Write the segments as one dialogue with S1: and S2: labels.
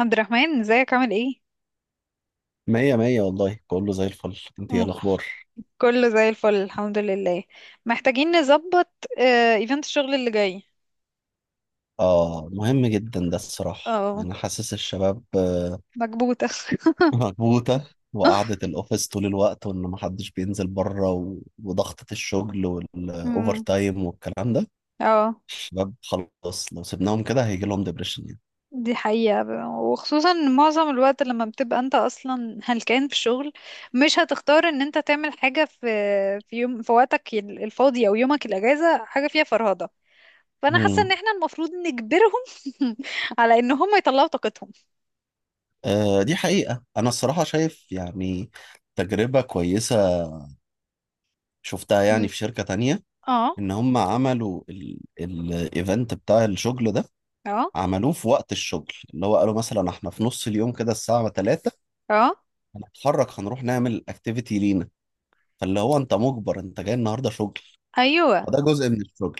S1: عبد الرحمن، ازيك؟ عامل ايه؟
S2: مية مية والله، كله زي الفل. انت ايه
S1: مم.
S2: الاخبار؟
S1: كله زي الفل، الحمد لله. محتاجين نظبط. ايفنت الشغل اللي جاي.
S2: اه مهم جدا ده الصراحة، يعني
S1: اه.
S2: انا حاسس الشباب
S1: مكبوتة
S2: مكبوتة. وقعدة الاوفيس طول الوقت، وان محدش بينزل بره وضغطة الشغل والاوفر
S1: امم
S2: تايم والكلام ده.
S1: اه،
S2: الشباب خلاص لو سيبناهم كده هيجي لهم ديبريشن يعني.
S1: دي حقيقة. وخصوصا معظم الوقت لما بتبقى انت اصلا هلكان في الشغل، مش هتختار ان انت تعمل حاجة في يوم، في وقتك الفاضي او يومك الاجازة، حاجة فيها فرهدة. فانا حاسة ان
S2: مم.
S1: احنا المفروض نجبرهم على ان هم يطلعوا طاقتهم.
S2: آه دي حقيقة. انا الصراحة شايف يعني تجربة كويسة شفتها يعني
S1: مم.
S2: في شركة تانية،
S1: اه.
S2: ان هم عملوا الايفنت بتاع الشغل ده،
S1: اه.
S2: عملوه في وقت الشغل. اللي هو قالوا مثلا احنا في نص اليوم كده الساعة 3
S1: اه.
S2: هنتحرك، هنروح نعمل اكتيفيتي لينا. فاللي هو انت مجبر، انت جاي النهارده شغل،
S1: ايوه،
S2: فده جزء من الشغل.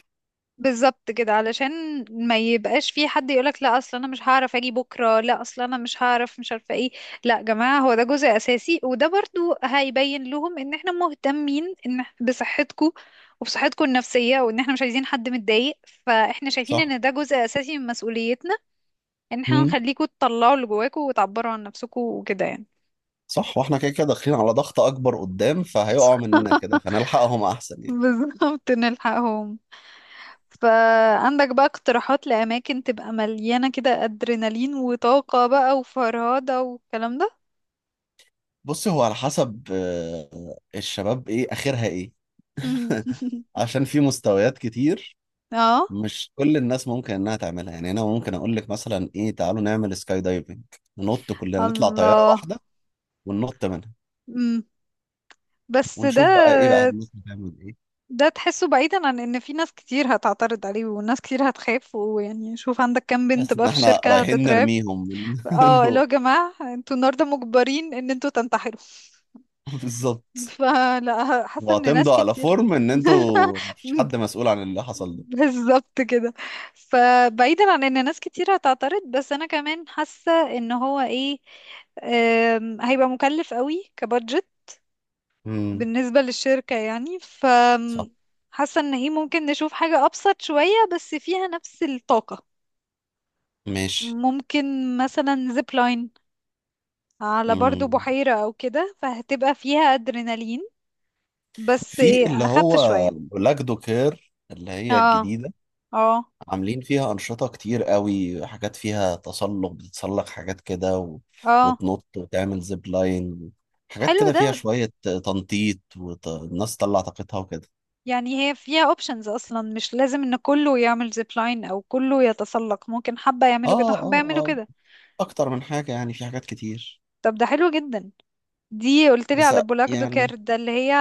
S1: بالظبط كده، علشان ما يبقاش في حد يقولك لا اصل انا مش هعرف اجي بكره، لا اصل انا مش هعرف، مش عارفه ايه. لا يا جماعه، هو ده جزء اساسي، وده برضو هيبين لهم ان احنا مهتمين ان بصحتكم وبصحتكم النفسيه، وان احنا مش عايزين حد متضايق. فاحنا شايفين
S2: صح.
S1: ان ده جزء اساسي من مسؤوليتنا، ان احنا
S2: مم.
S1: نخليكم تطلعوا اللي جواكم وتعبروا عن نفسكم وكده، يعني.
S2: صح، واحنا كده كده داخلين على ضغط اكبر قدام، فهيقعوا مننا كده فنلحقهم احسن يعني.
S1: بالظبط، نلحقهم. فعندك بقى اقتراحات لأماكن تبقى مليانة كده أدرينالين وطاقة بقى وفرهدة والكلام ده؟
S2: بص، هو على حسب الشباب ايه اخرها ايه. عشان في مستويات كتير.
S1: اه.
S2: مش كل الناس ممكن انها تعملها. يعني انا ممكن اقول لك مثلا ايه، تعالوا نعمل سكاي دايفنج، ننط كلنا، نطلع طياره
S1: الله.
S2: واحده وننط منها
S1: مم. بس ده،
S2: ونشوف بقى ايه بقى الناس بتعمل ايه.
S1: ده تحسه بعيدا عن ان في ناس كتير هتعترض عليه وناس كتير هتخاف، ويعني شوف عندك كام بنت
S2: بس
S1: بقى
S2: ان
S1: في
S2: احنا
S1: الشركة
S2: رايحين
S1: هتترعب.
S2: نرميهم من من
S1: اه، اللي هو يا
S2: فوق.
S1: جماعة انتوا النهاردة مجبرين ان انتوا تنتحروا.
S2: بالظبط.
S1: فلا، حاسة ان ناس
S2: واعتمدوا على
S1: كتير
S2: فورم ان انتوا ما فيش حد مسؤول عن اللي حصل ده.
S1: بالظبط كده. فبعيدا عن ان ناس كتير هتعترض، بس انا كمان حاسة ان هو ايه، هيبقى مكلف قوي كبادجت
S2: امم.
S1: بالنسبة للشركة، يعني ف...
S2: صح.
S1: حاسة ان ايه، ممكن نشوف حاجة ابسط شوية بس فيها نفس الطاقة.
S2: ماشي.
S1: ممكن مثلا زيب لاين على برضو
S2: امم.
S1: بحيرة او كده، فهتبقى فيها ادرينالين بس
S2: في اللي
S1: ايه اخف
S2: هو
S1: شوية.
S2: لاجدو كير اللي هي
S1: اه.
S2: الجديدة،
S1: اه.
S2: عاملين فيها أنشطة كتير قوي، حاجات فيها تسلق، بتتسلق حاجات كده
S1: اه.
S2: وتنط وتعمل زيب لاين، حاجات
S1: حلو
S2: كده
S1: ده.
S2: فيها شوية تنطيط والناس تطلع طاقتها وكده.
S1: يعني هي فيها اوبشنز، اصلا مش لازم ان كله يعمل زيب لاين او كله يتسلق، ممكن حبة يعملوا كده
S2: اه
S1: وحبة يعملوا
S2: اه،
S1: كده.
S2: اكتر من حاجه يعني، في حاجات كتير.
S1: طب ده حلو جدا. دي قلت لي
S2: بس
S1: على بولاك دوكير
S2: يعني
S1: ده اللي هي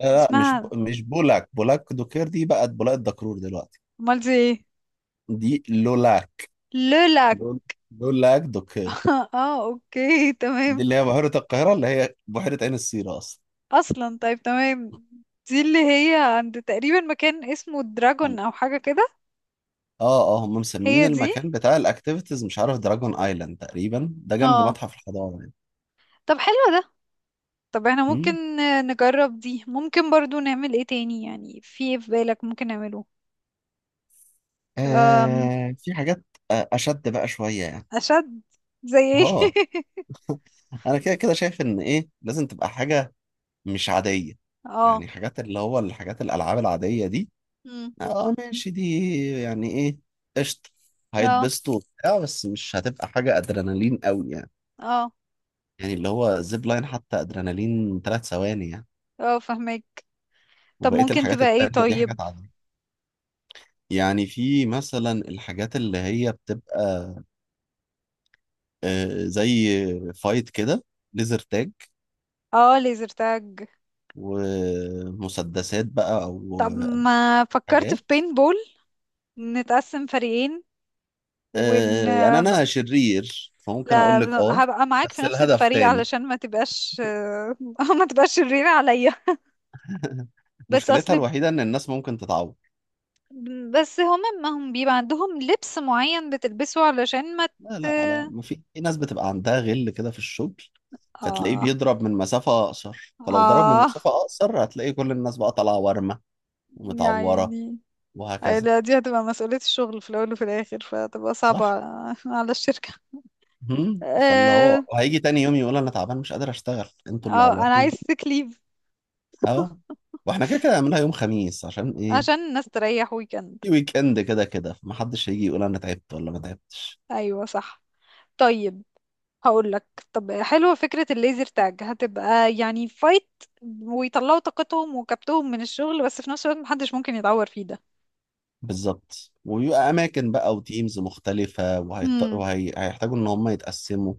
S2: لا مش
S1: اسمها؟
S2: مش بولاك. بولاك دوكير دي بقت بولاك دكرور دلوقتي.
S1: امال دي ايه؟
S2: دي لولاك.
S1: لولاك.
S2: لول- لولاك دوكير.
S1: اه، اوكي،
S2: دي
S1: تمام.
S2: اللي هي بحيره القاهره، اللي هي بحيره عين السيره اصلا.
S1: اصلا، طيب، تمام. دي اللي هي عند تقريبا مكان اسمه دراجون
S2: عن-
S1: او حاجة كده؟
S2: اه اه، هم مسميين
S1: هي دي.
S2: المكان بتاع الاكتيفيتيز، مش عارف، دراجون ايلاند تقريبا. ده جنب
S1: اه.
S2: متحف الحضاره يعني.
S1: طب حلو ده. طب احنا
S2: مم.
S1: ممكن نجرب دي، ممكن برضو نعمل ايه تاني؟ يعني في ايه في بالك ممكن نعمله؟
S2: آه في حاجات اشد بقى شويه يعني.
S1: أشد. زي ايه؟
S2: اه. انا كده كده شايف ان ايه، لازم تبقى حاجه مش عادية.
S1: اه.
S2: يعني حاجات اللي هو الحاجات الألعاب العادية دي،
S1: مم.
S2: اه ماشي دي، يعني ايه، قشطة،
S1: اه.
S2: هيتبسطوا وبتاع، بس مش هتبقى حاجة أدرينالين قوي يعني.
S1: اه.
S2: يعني اللي هو زيب لاين حتى، أدرينالين 3 ثواني يعني.
S1: اه، فهمك. طب
S2: وبقية
S1: ممكن
S2: الحاجات
S1: تبقى ايه
S2: التانية دي حاجات
S1: طيب؟
S2: عادية. يعني في مثلا الحاجات اللي هي بتبقى زي فايت كده، ليزر تاج،
S1: اه، ليزر تاج.
S2: ومسدسات بقى أو
S1: طب ما فكرت في
S2: حاجات.
S1: بين بول؟ نتقسم فريقين ون ...
S2: آه يعني انا شرير فممكن
S1: لا،
S2: اقول لك اه.
S1: هبقى معاك في
S2: بس
S1: نفس
S2: الهدف
S1: الفريق
S2: تاني.
S1: علشان ما تبقاش ما تبقاش شريرة عليا. بس اصل...
S2: مشكلتها الوحيده ان الناس ممكن تتعور.
S1: بس هما ما هم بيبقى عندهم لبس معين بتلبسه علشان ما
S2: لا لا لا، ما في ناس بتبقى عندها غل كده في الشغل، فتلاقيه
S1: اه.
S2: بيضرب من مسافه اقصر، فلو ضرب من
S1: اه.
S2: مسافه اقصر هتلاقي كل الناس بقى طالعه ورمه ومتعوره
S1: يعني... أي
S2: وهكذا.
S1: لا، دي هتبقى مسؤولية الشغل في الأول وفي الآخر، فتبقى صعبة
S2: صح.
S1: على الشركة.
S2: مم. فاللي هو
S1: اه.
S2: هيجي تاني يوم يقول انا تعبان مش قادر اشتغل، انتوا اللي
S1: أنا
S2: عورتوني.
S1: عايز sick leave
S2: اه. واحنا كده كده هنعملها يوم خميس، عشان ايه،
S1: عشان الناس تريح ويكند.
S2: في ويك اند كده كده فمحدش هيجي يقول انا تعبت ولا ما تعبتش.
S1: أيوة صح. طيب. هقول لك. طب حلوة فكرة الليزر تاج، هتبقى يعني فايت ويطلعوا طاقتهم وكبتهم من الشغل، بس في نفس الوقت محدش ممكن يتعور فيه ده.
S2: بالظبط. وبيبقى اماكن بقى وتيمز مختلفه،
S1: امم
S2: وهيحتاجوا ان هم يتقسموا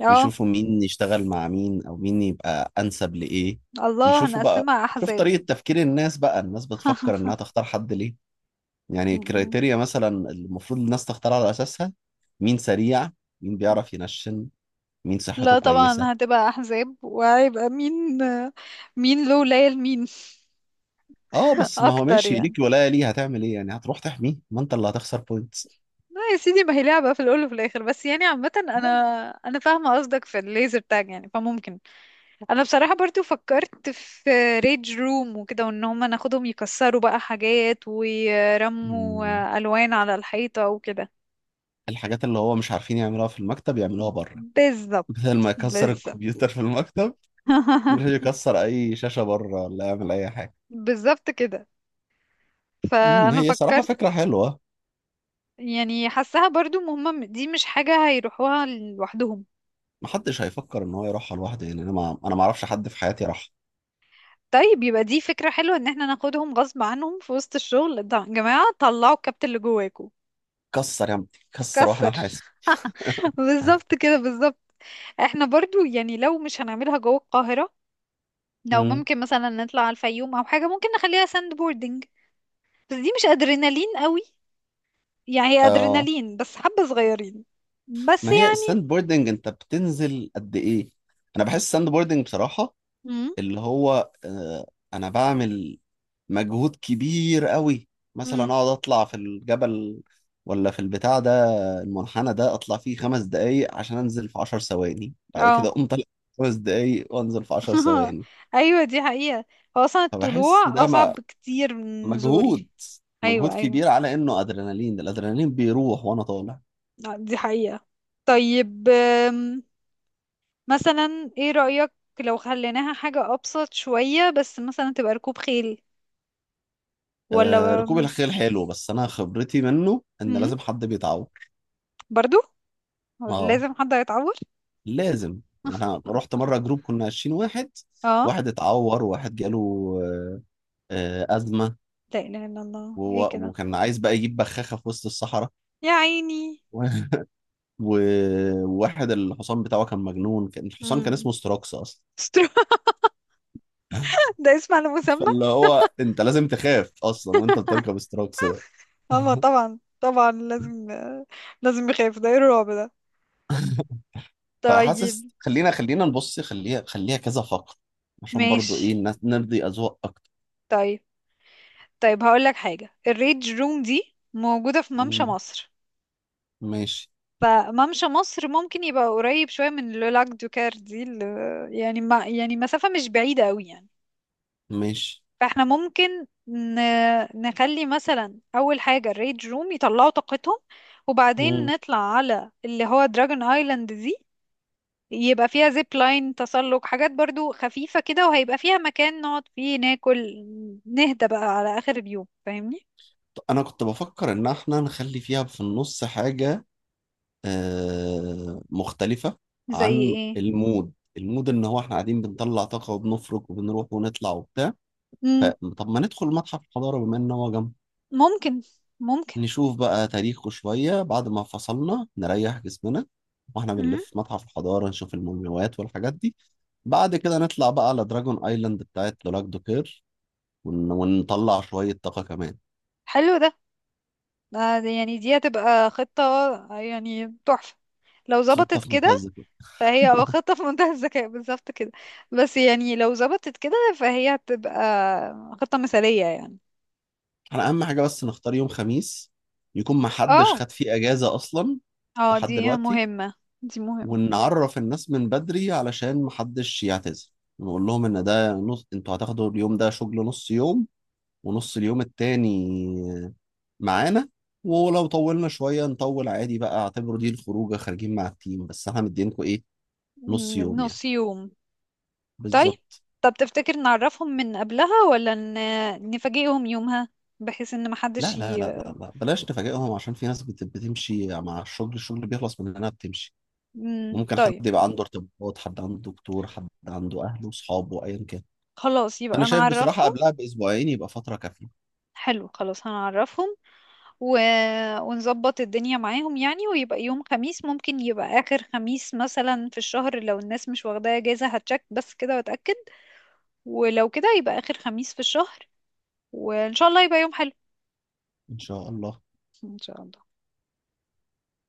S1: اه،
S2: ويشوفوا مين يشتغل مع مين، او مين يبقى انسب لايه.
S1: الله،
S2: ويشوفوا بقى،
S1: هنقسمها
S2: شوف
S1: أحزاب.
S2: طريقه تفكير الناس بقى، الناس بتفكر انها تختار حد ليه. يعني
S1: مم.
S2: الكريتيريا مثلا المفروض الناس تختار على اساسها، مين سريع، مين بيعرف ينشن، مين صحته
S1: لا
S2: كويسه.
S1: طبعا هتبقى أحزاب، وهيبقى مين، مين له ليال مين.
S2: اه بس ما هو
S1: أكتر
S2: ماشي
S1: يعني.
S2: ليك ولايه ليه، هتعمل ايه يعني، هتروح تحميه ما انت اللي هتخسر بوينتس.
S1: لا يا سيدي، ما هي لعبة في الأول وفي الآخر، بس يعني عامة أنا، أنا فاهمة قصدك في الليزر تاج، يعني فممكن. أنا بصراحة برضو فكرت في ريج روم وكده، وإن هما ناخدهم يكسروا بقى حاجات
S2: مم.
S1: ويرموا ألوان على الحيطة وكده.
S2: الحاجات اللي هو مش عارفين يعملوها في المكتب يعملوها بره،
S1: بالظبط.
S2: بدل ما يكسر
S1: بالظبط.
S2: الكمبيوتر في المكتب يروح يكسر اي شاشة بره، ولا يعمل اي حاجة.
S1: بالظبط كده.
S2: امم،
S1: فأنا
S2: هي صراحة
S1: فكرت،
S2: فكرة حلوه.
S1: يعني حاساها برضو مهمة، دي مش حاجة هيروحوها لوحدهم.
S2: محدش هيفكر ان هو يروحها لوحده يعني، انا، ما انا ما اعرفش حد في حياتي راح.
S1: طيب يبقى دي فكرة حلوة، ان احنا ناخدهم غصب عنهم في وسط الشغل يا جماعة طلعوا الكابتن اللي جواكوا.
S2: كسر يا عم كسر واحنا
S1: كسر.
S2: نحاسب.
S1: بالظبط كده، بالظبط. احنا برضو يعني لو مش هنعملها جوه القاهرة، لو
S2: امم.
S1: ممكن مثلا نطلع على الفيوم او حاجة، ممكن نخليها ساند بوردنج. بس دي مش ادرينالين قوي، يعني هي
S2: اه،
S1: ادرينالين بس حبة صغيرين. بس
S2: ما هي
S1: يعني...
S2: الساند بوردنج انت بتنزل قد ايه؟ انا بحس الساند بوردنج بصراحة
S1: امم.
S2: اللي هو آه، انا بعمل مجهود كبير قوي، مثلا
S1: امم.
S2: اقعد اطلع في الجبل ولا في البتاع ده، المنحنى ده اطلع فيه 5 دقايق عشان انزل في 10 ثواني، بعد كده
S1: اه.
S2: اقوم طالع 5 دقايق وانزل في عشر ثواني
S1: ايوه، دي حقيقة. هو اصلا
S2: فبحس
S1: الطلوع
S2: ده
S1: اصعب بكتير من النزول.
S2: مجهود، مجهود
S1: ايوه، ايوه.
S2: كبير على انه ادرينالين. الادرينالين بيروح وانا طالع.
S1: دي حقيقة. طيب. مثلا ايه رأيك لو خليناها حاجة أبسط شوية، بس مثلا تبقى ركوب خيل؟ ولا...
S2: آه ركوب الخيل حلو بس انا خبرتي منه ان
S1: مم؟
S2: لازم حد بيتعور.
S1: برضو؟ ولا
S2: اه
S1: لازم حد هيتعور؟
S2: لازم. انا رحت مره جروب كنا 20 واحد،
S1: اه.
S2: واحد اتعور، واحد جاله آه، أزمة،
S1: لا إله إلا الله، ايه كده.
S2: وكان عايز بقى يجيب بخاخة في وسط الصحراء.
S1: يا عيني.
S2: و- وواحد الحصان بتاعه كان مجنون، كان الحصان كان
S1: مم.
S2: اسمه ستروكس أصلا.
S1: استرو. ده اسم على مسمى.
S2: فاللي هو أنت لازم تخاف أصلا وأنت بتركب ستروكس ده.
S1: اه، طبعا، طبعا لازم. لازم يخاف، ده ايه الرعب ده.
S2: فحاسس،
S1: طيب.
S2: خلينا خلينا نبص، خليها خليها كذا فقرة، عشان برضو
S1: ماشي.
S2: إيه الناس، نرضي أذواق أكتر.
S1: طيب. طيب هقول لك حاجة، الريج روم دي موجودة في ممشى
S2: مم.
S1: مصر.
S2: ماشي.
S1: فممشى مصر ممكن يبقى قريب شوية من لولاك دوكار دي اللي... يعني ما يعني مسافة مش بعيدة قوي يعني.
S2: ماشي.
S1: فاحنا ممكن نخلي مثلا أول حاجة الريد روم يطلعوا طاقتهم، وبعدين
S2: مم.
S1: نطلع على اللي هو دراجون ايلاند دي، يبقى فيها زيب لاين تسلق حاجات برضو خفيفة كده، وهيبقى فيها مكان نقعد فيه ناكل، نهدى بقى على آخر اليوم، فاهمني.
S2: انا كنت بفكر ان احنا نخلي فيها في النص حاجة مختلفة
S1: زي
S2: عن
S1: ايه؟
S2: المود. ان هو احنا قاعدين بنطلع طاقة وبنفرك وبنروح ونطلع وبتاع،
S1: مم،
S2: فطب ما ندخل متحف الحضارة بما ان هو جنب.
S1: ممكن، ممكن.
S2: نشوف بقى تاريخه شوية بعد ما فصلنا، نريح جسمنا، واحنا
S1: مم،
S2: بنلف متحف الحضارة نشوف المومياوات والحاجات دي. بعد كده نطلع بقى على دراجون ايلاند بتاعت لولاك دوكير ونطلع شوية طاقة كمان.
S1: حلو ده. ده يعني دي هتبقى خطة يعني تحفة لو
S2: خطة
S1: ظبطت
S2: في
S1: كده.
S2: منتهى الذكاء.
S1: فهي اه خطة في منتهى الذكاء، بالظبط كده. بس يعني لو ظبطت كده، فهي هتبقى خطة مثالية يعني.
S2: احنا اهم حاجة بس نختار يوم خميس يكون محدش
S1: اه.
S2: خد فيه اجازة اصلا
S1: اه،
S2: لحد
S1: دي
S2: دلوقتي،
S1: مهمة. دي مهمة.
S2: ونعرف الناس من بدري علشان محدش يعتذر. نقول لهم ان ده نص، انتوا هتاخدوا اليوم ده شغل نص يوم، ونص اليوم التاني معانا، ولو طولنا شوية نطول عادي بقى، اعتبروا دي الخروجة خارجين مع التيم، بس احنا مدينكم ايه، نص يوم يعني.
S1: نص يوم. طيب.
S2: بالظبط.
S1: طب تفتكر نعرفهم من قبلها ولا نفاجئهم يومها؟ بحيث ان محدش
S2: لا لا لا لا لا، بلاش نفاجئهم عشان في ناس بتمشي مع الشغل، الشغل بيخلص مننا بتمشي،
S1: مم،
S2: وممكن حد
S1: طيب.
S2: يبقى عنده ارتباطات، حد عنده دكتور، حد عنده اهله وصحابه ايا كان.
S1: خلاص
S2: انا
S1: يبقى
S2: شايف بصراحة
S1: نعرفهم.
S2: قبلها باسبوعين يبقى فترة كافية.
S1: حلو، خلاص، هنعرفهم و... ونظبط الدنيا معاهم يعني. ويبقى يوم خميس، ممكن يبقى آخر خميس مثلا في الشهر، لو الناس مش واخداه اجازة هتشك بس كده واتأكد. ولو كده يبقى آخر خميس في الشهر، وإن شاء الله يبقى يوم حلو.
S2: ان شاء الله.
S1: إن شاء الله.